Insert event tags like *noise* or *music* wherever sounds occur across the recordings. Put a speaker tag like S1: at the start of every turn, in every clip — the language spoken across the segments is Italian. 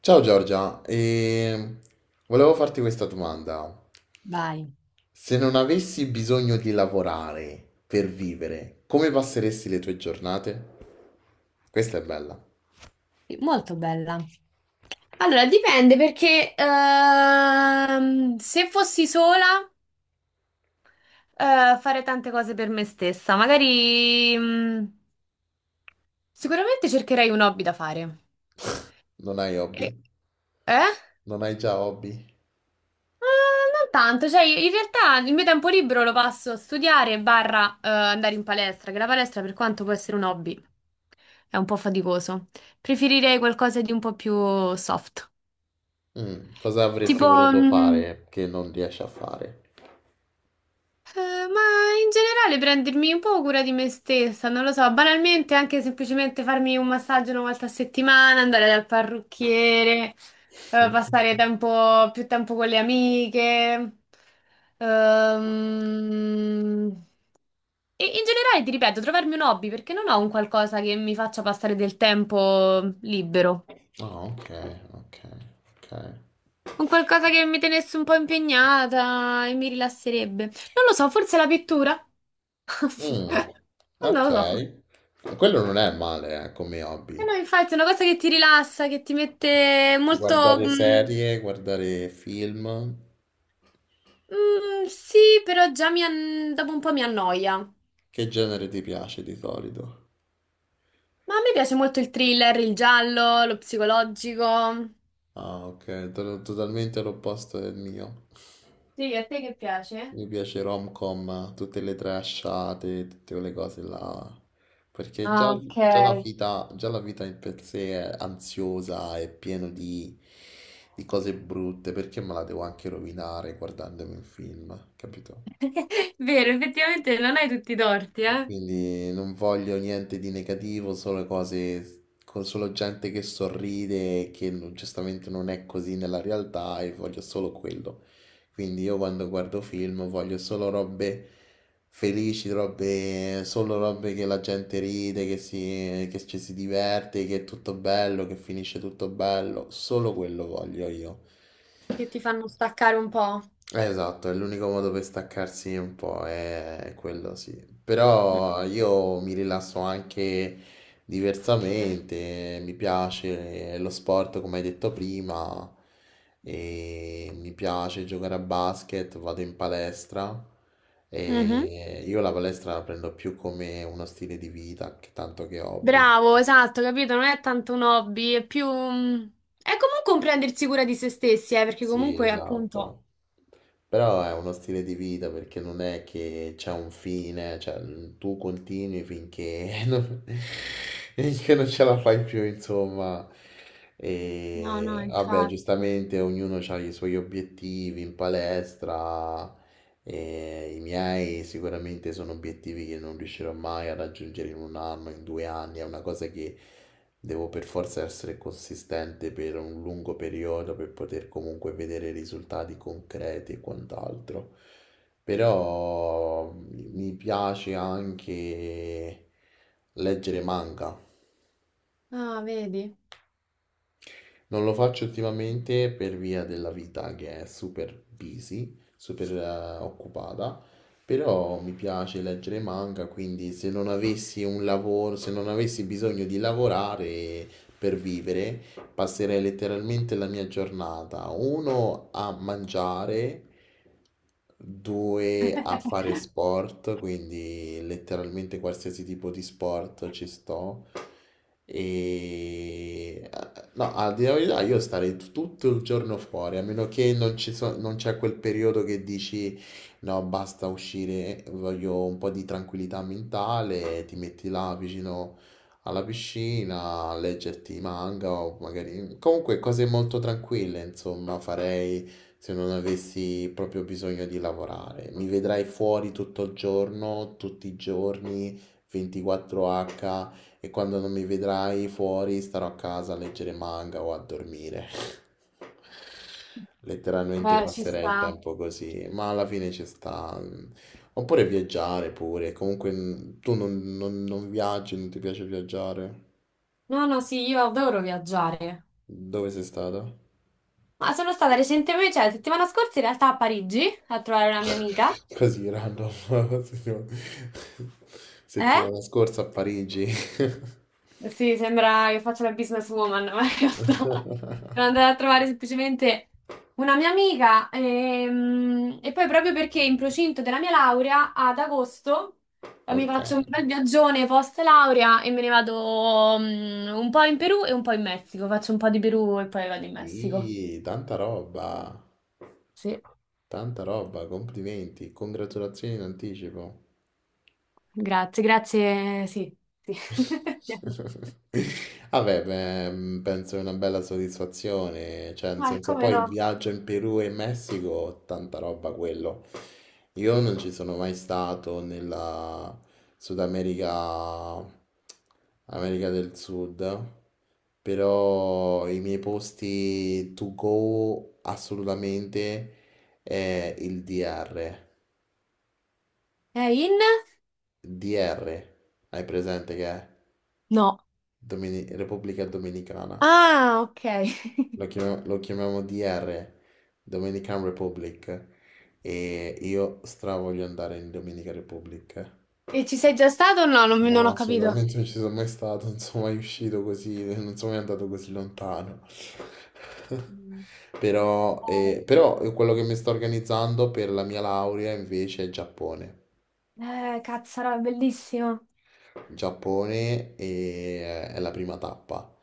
S1: Ciao Giorgia, e volevo farti questa domanda.
S2: Vai,
S1: Se non avessi bisogno di lavorare per vivere, come passeresti le tue giornate? Questa è bella.
S2: molto bella. Allora, dipende perché se fossi sola fare tante cose per me stessa, magari, sicuramente cercherei un hobby da fare.
S1: Non hai hobby?
S2: E- eh?
S1: Non hai già hobby?
S2: Non tanto, cioè in realtà il mio tempo libero lo passo a studiare barra andare in palestra, che la palestra per quanto può essere un hobby è un po' faticoso. Preferirei qualcosa di un po' più soft.
S1: Cosa avresti
S2: Tipo,
S1: voluto
S2: mm,
S1: fare che non riesci a fare?
S2: Eh, ma in generale prendermi un po' cura di me stessa, non lo so, banalmente anche semplicemente farmi un massaggio una volta a settimana, andare dal parrucchiere, più tempo con le amiche. Ehm, E in generale, ti ripeto, trovarmi un hobby perché non ho un qualcosa che mi faccia passare del tempo libero.
S1: Ah, ok, ok, ok.
S2: Un qualcosa che mi tenesse un po' impegnata e mi rilasserebbe. Non lo so, forse la pittura?
S1: Mm,
S2: *laughs*
S1: ok.
S2: Non lo so.
S1: Quello non è male, come
S2: Eh
S1: hobby.
S2: no, infatti, è una cosa che ti rilassa, che ti mette molto...
S1: Guardare
S2: mm,
S1: serie, guardare film.
S2: Mm, sì, però dopo un po' mi annoia. Ma
S1: Che genere ti piace di solito?
S2: a me piace molto il thriller, il giallo, lo psicologico.
S1: Ah, ok, totalmente all'opposto del mio.
S2: Sì, a te che piace?
S1: Mi piace rom-com, tutte le trashate, tutte quelle cose là. Perché già,
S2: Ah, ok.
S1: già la vita, già la vita in per sé è ansiosa, è piena di cose brutte, perché me la devo anche rovinare guardandomi un film, capito?
S2: *laughs* Vero, effettivamente non hai tutti i torti,
S1: E
S2: eh?
S1: quindi non voglio niente di negativo, solo cose con solo gente che sorride, e che giustamente non è così nella realtà e voglio solo quello. Quindi io quando guardo film voglio solo robe felici, solo robe che la gente ride, che ci si diverte, che è tutto bello, che finisce tutto bello. Solo quello voglio io.
S2: Che ti fanno staccare un po'.
S1: Esatto, è l'unico modo per staccarsi un po', è quello sì.
S2: Mm.
S1: Però io mi rilasso anche diversamente, mi piace lo sport come hai detto prima, e mi piace giocare a basket, vado in palestra
S2: Mhm.
S1: e io la palestra la prendo più come uno stile di vita che tanto che hobby.
S2: Bravo, esatto, capito? Non è tanto un hobby, è più. È comunque un prendersi cura di se stessi, perché
S1: Sì,
S2: comunque, appunto...
S1: esatto. Però è uno stile di vita perché non è che c'è un fine, cioè tu continui finché *laughs* non, finché non ce la fai più, insomma.
S2: No, no,
S1: E vabbè,
S2: infatti.
S1: giustamente ognuno ha i suoi obiettivi in palestra. E i miei sicuramente sono obiettivi che non riuscirò mai a raggiungere in un anno, in 2 anni. È una cosa che devo per forza essere consistente per un lungo periodo per poter comunque vedere risultati concreti e quant'altro. Però mi piace anche leggere manga.
S2: Ah, vedi?
S1: Non lo faccio ultimamente per via della vita che è super busy, super occupata, però mi piace leggere manga, quindi se non avessi un lavoro, se non avessi bisogno di lavorare per vivere, passerei letteralmente la mia giornata, uno a mangiare, due a fare sport, quindi letteralmente qualsiasi tipo di sport ci sto. E no, a dire la verità, io starei tutto il giorno fuori, a meno che non non c'è quel periodo che dici no, basta uscire, voglio un po' di tranquillità mentale, ti metti là vicino alla piscina, a leggerti i manga o magari. Comunque cose molto tranquille, insomma, farei se non avessi proprio bisogno di lavorare. Mi vedrai fuori tutto il giorno, tutti i giorni, 24H. E quando non mi vedrai fuori, starò a casa a leggere manga o a dormire. *laughs* Letteralmente
S2: Beh, ci
S1: passerei il
S2: sta.
S1: tempo così, ma alla fine ci sta. Oppure viaggiare pure. Comunque, tu non viaggi, non ti piace viaggiare.
S2: No, no, sì, io adoro viaggiare.
S1: Dove sei stata?
S2: Ma sono stata recentemente, cioè la settimana scorsa in realtà a Parigi a trovare una mia amica.
S1: *laughs* Così random. *laughs* Settima-
S2: Eh?
S1: Settimana scorsa a Parigi. *laughs*
S2: Sì, sembra che faccia la businesswoman, ma in realtà sono andata a trovare semplicemente una mia amica e, poi proprio perché in procinto della mia laurea ad agosto mi
S1: Ok.
S2: faccio un bel viaggione post laurea e me ne vado un po' in Perù e un po' in Messico. Faccio un po' di Perù e poi vado in Messico.
S1: Sì, tanta roba.
S2: Sì,
S1: Tanta roba, complimenti, congratulazioni in anticipo.
S2: grazie, sì, sì. *laughs*
S1: *laughs* Vabbè, beh, penso è una bella soddisfazione, cioè nel
S2: Ma
S1: senso
S2: come
S1: poi il
S2: no?
S1: viaggio in Perù e in Messico, tanta roba quello. Io non ci sono mai stato nella Sud America, America del Sud, però i miei posti to go assolutamente è il DR.
S2: È in?
S1: DR, hai presente che è
S2: No,
S1: Repubblica Dominicana?
S2: Ah, ok.
S1: Lo
S2: *laughs*
S1: chiamiamo, lo chiamiamo DR, Dominican Republic, e io stra voglio andare in Dominica Republic.
S2: E ci sei già stato o no? Non
S1: No,
S2: ho capito.
S1: assolutamente non ci sono mai stato, non sono mai uscito così, non sono mai andato così lontano. *laughs*
S2: Mm.
S1: Però quello che mi sto organizzando per la mia laurea invece è Giappone.
S2: Cazzarola, è bellissimo.
S1: Giappone è la prima tappa.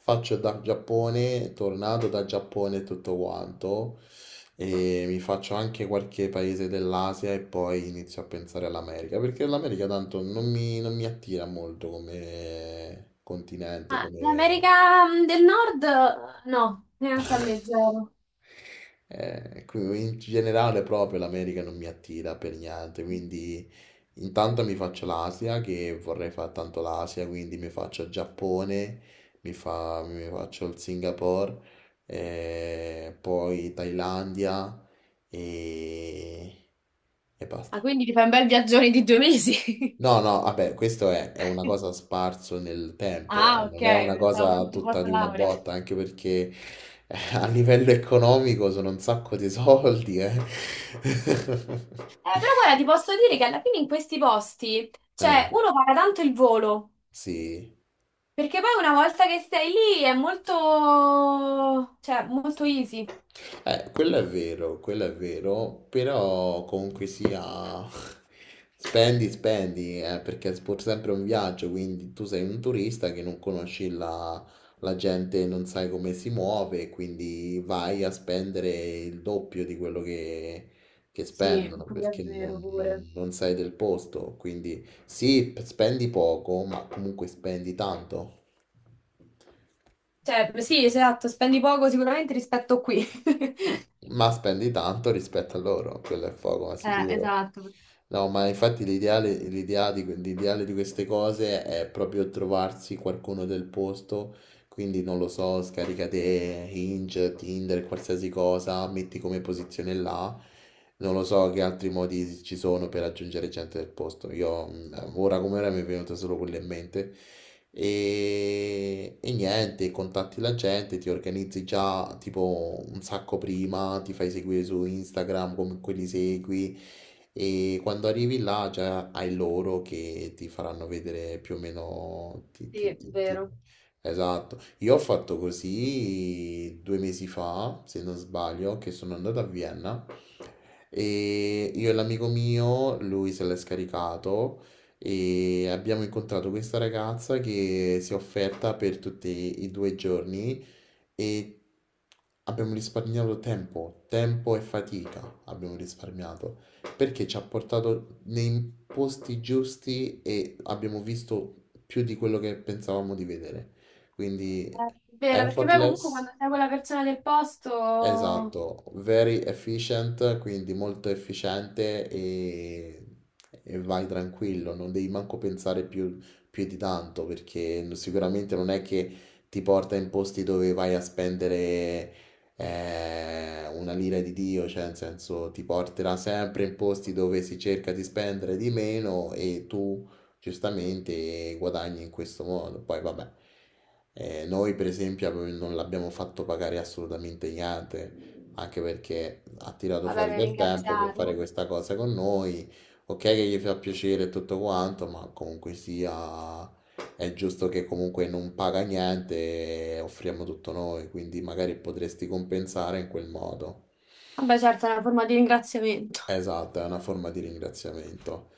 S1: Faccio da Giappone, tornato da Giappone e tutto quanto, e mi faccio anche qualche paese dell'Asia e poi inizio a pensare all'America, perché l'America tanto non mi attira molto come continente,
S2: Ah,
S1: come.
S2: l'America del Nord, no, neanche a me
S1: *laughs*
S2: zero.
S1: Qui in generale proprio l'America non mi attira per niente, quindi intanto mi faccio l'Asia, che vorrei fare tanto l'Asia, quindi mi faccio il Giappone, mi faccio il Singapore, poi Thailandia e, e
S2: Ah,
S1: basta.
S2: quindi ti fai un bel viaggione di due mesi.
S1: No, no, vabbè, questo è una cosa
S2: *laughs*
S1: sparso nel tempo,
S2: Ah, ok,
S1: non è una
S2: pensavo
S1: cosa
S2: tutto
S1: tutta
S2: post
S1: di una
S2: laurea.
S1: botta, anche perché a livello economico sono un sacco di soldi, eh. *laughs*
S2: Però guarda, ti posso dire che alla fine in questi posti,
S1: Eh,
S2: cioè, uno paga tanto il volo,
S1: sì.
S2: perché poi una volta che sei lì è molto, cioè, molto easy.
S1: Quello è vero, però comunque sia, *laughs* spendi, spendi, perché è pur sempre un viaggio, quindi tu sei un turista che non conosci la gente, non sai come si muove, quindi vai a spendere il doppio di quello che
S2: Sì,
S1: spendono,
S2: quello è
S1: perché
S2: vero
S1: non,
S2: pure.
S1: non- non sai del posto, quindi sì, spendi poco, ma comunque spendi tanto.
S2: Cioè, sì, esatto, spendi poco sicuramente rispetto a qui. *laughs*
S1: Ma spendi tanto rispetto a loro, quello è poco, ma sicuro.
S2: Esatto.
S1: No, ma infatti l'idea di queste cose è proprio trovarsi qualcuno del posto, quindi non lo so, scaricate Hinge, Tinder, qualsiasi cosa, metti come posizione là. Non lo so che altri modi ci sono per aggiungere gente del posto. Io ora come ora mi è venuto solo quello in mente. E niente, contatti la gente, ti organizzi già tipo un sacco prima, ti fai seguire su Instagram come quelli segui e quando arrivi là già hai loro che ti faranno vedere più o meno.
S2: Sì, è vero.
S1: Esatto, io ho fatto così 2 mesi fa, se non sbaglio, che sono andato a Vienna e io e l'amico mio, lui se l'è scaricato e abbiamo incontrato questa ragazza che si è offerta per tutti i 2 giorni e abbiamo risparmiato tempo, tempo e fatica abbiamo risparmiato perché ci ha portato nei posti giusti e abbiamo visto più di quello che pensavamo di vedere. Quindi
S2: È vero, perché poi comunque
S1: effortless.
S2: quando sei quella persona del posto,
S1: Esatto, very efficient, quindi molto efficiente e vai tranquillo, non devi manco pensare più di tanto perché sicuramente non è che ti porta in posti dove vai a spendere una lira di Dio, cioè nel senso ti porterà sempre in posti dove si cerca di spendere di meno e tu giustamente guadagni in questo modo. Poi vabbè, noi per esempio non l'abbiamo fatto pagare assolutamente niente, anche perché ha tirato
S2: vabbè,
S1: fuori
S2: per
S1: del tempo per fare
S2: ringraziarlo.
S1: questa cosa con noi. Ok che gli fa piacere e tutto quanto, ma comunque sia è giusto che comunque non paga niente e offriamo tutto noi, quindi magari potresti compensare in quel modo.
S2: Vabbè, certo, è una forma di ringraziamento.
S1: Esatto, è una forma di ringraziamento.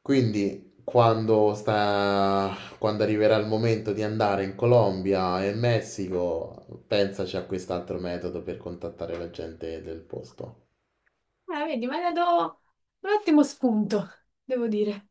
S1: Quindi quando arriverà il momento di andare in Colombia e in Messico, pensaci a quest'altro metodo per contattare la gente del posto.
S2: Vedi, mi hai dato un ottimo spunto, devo dire.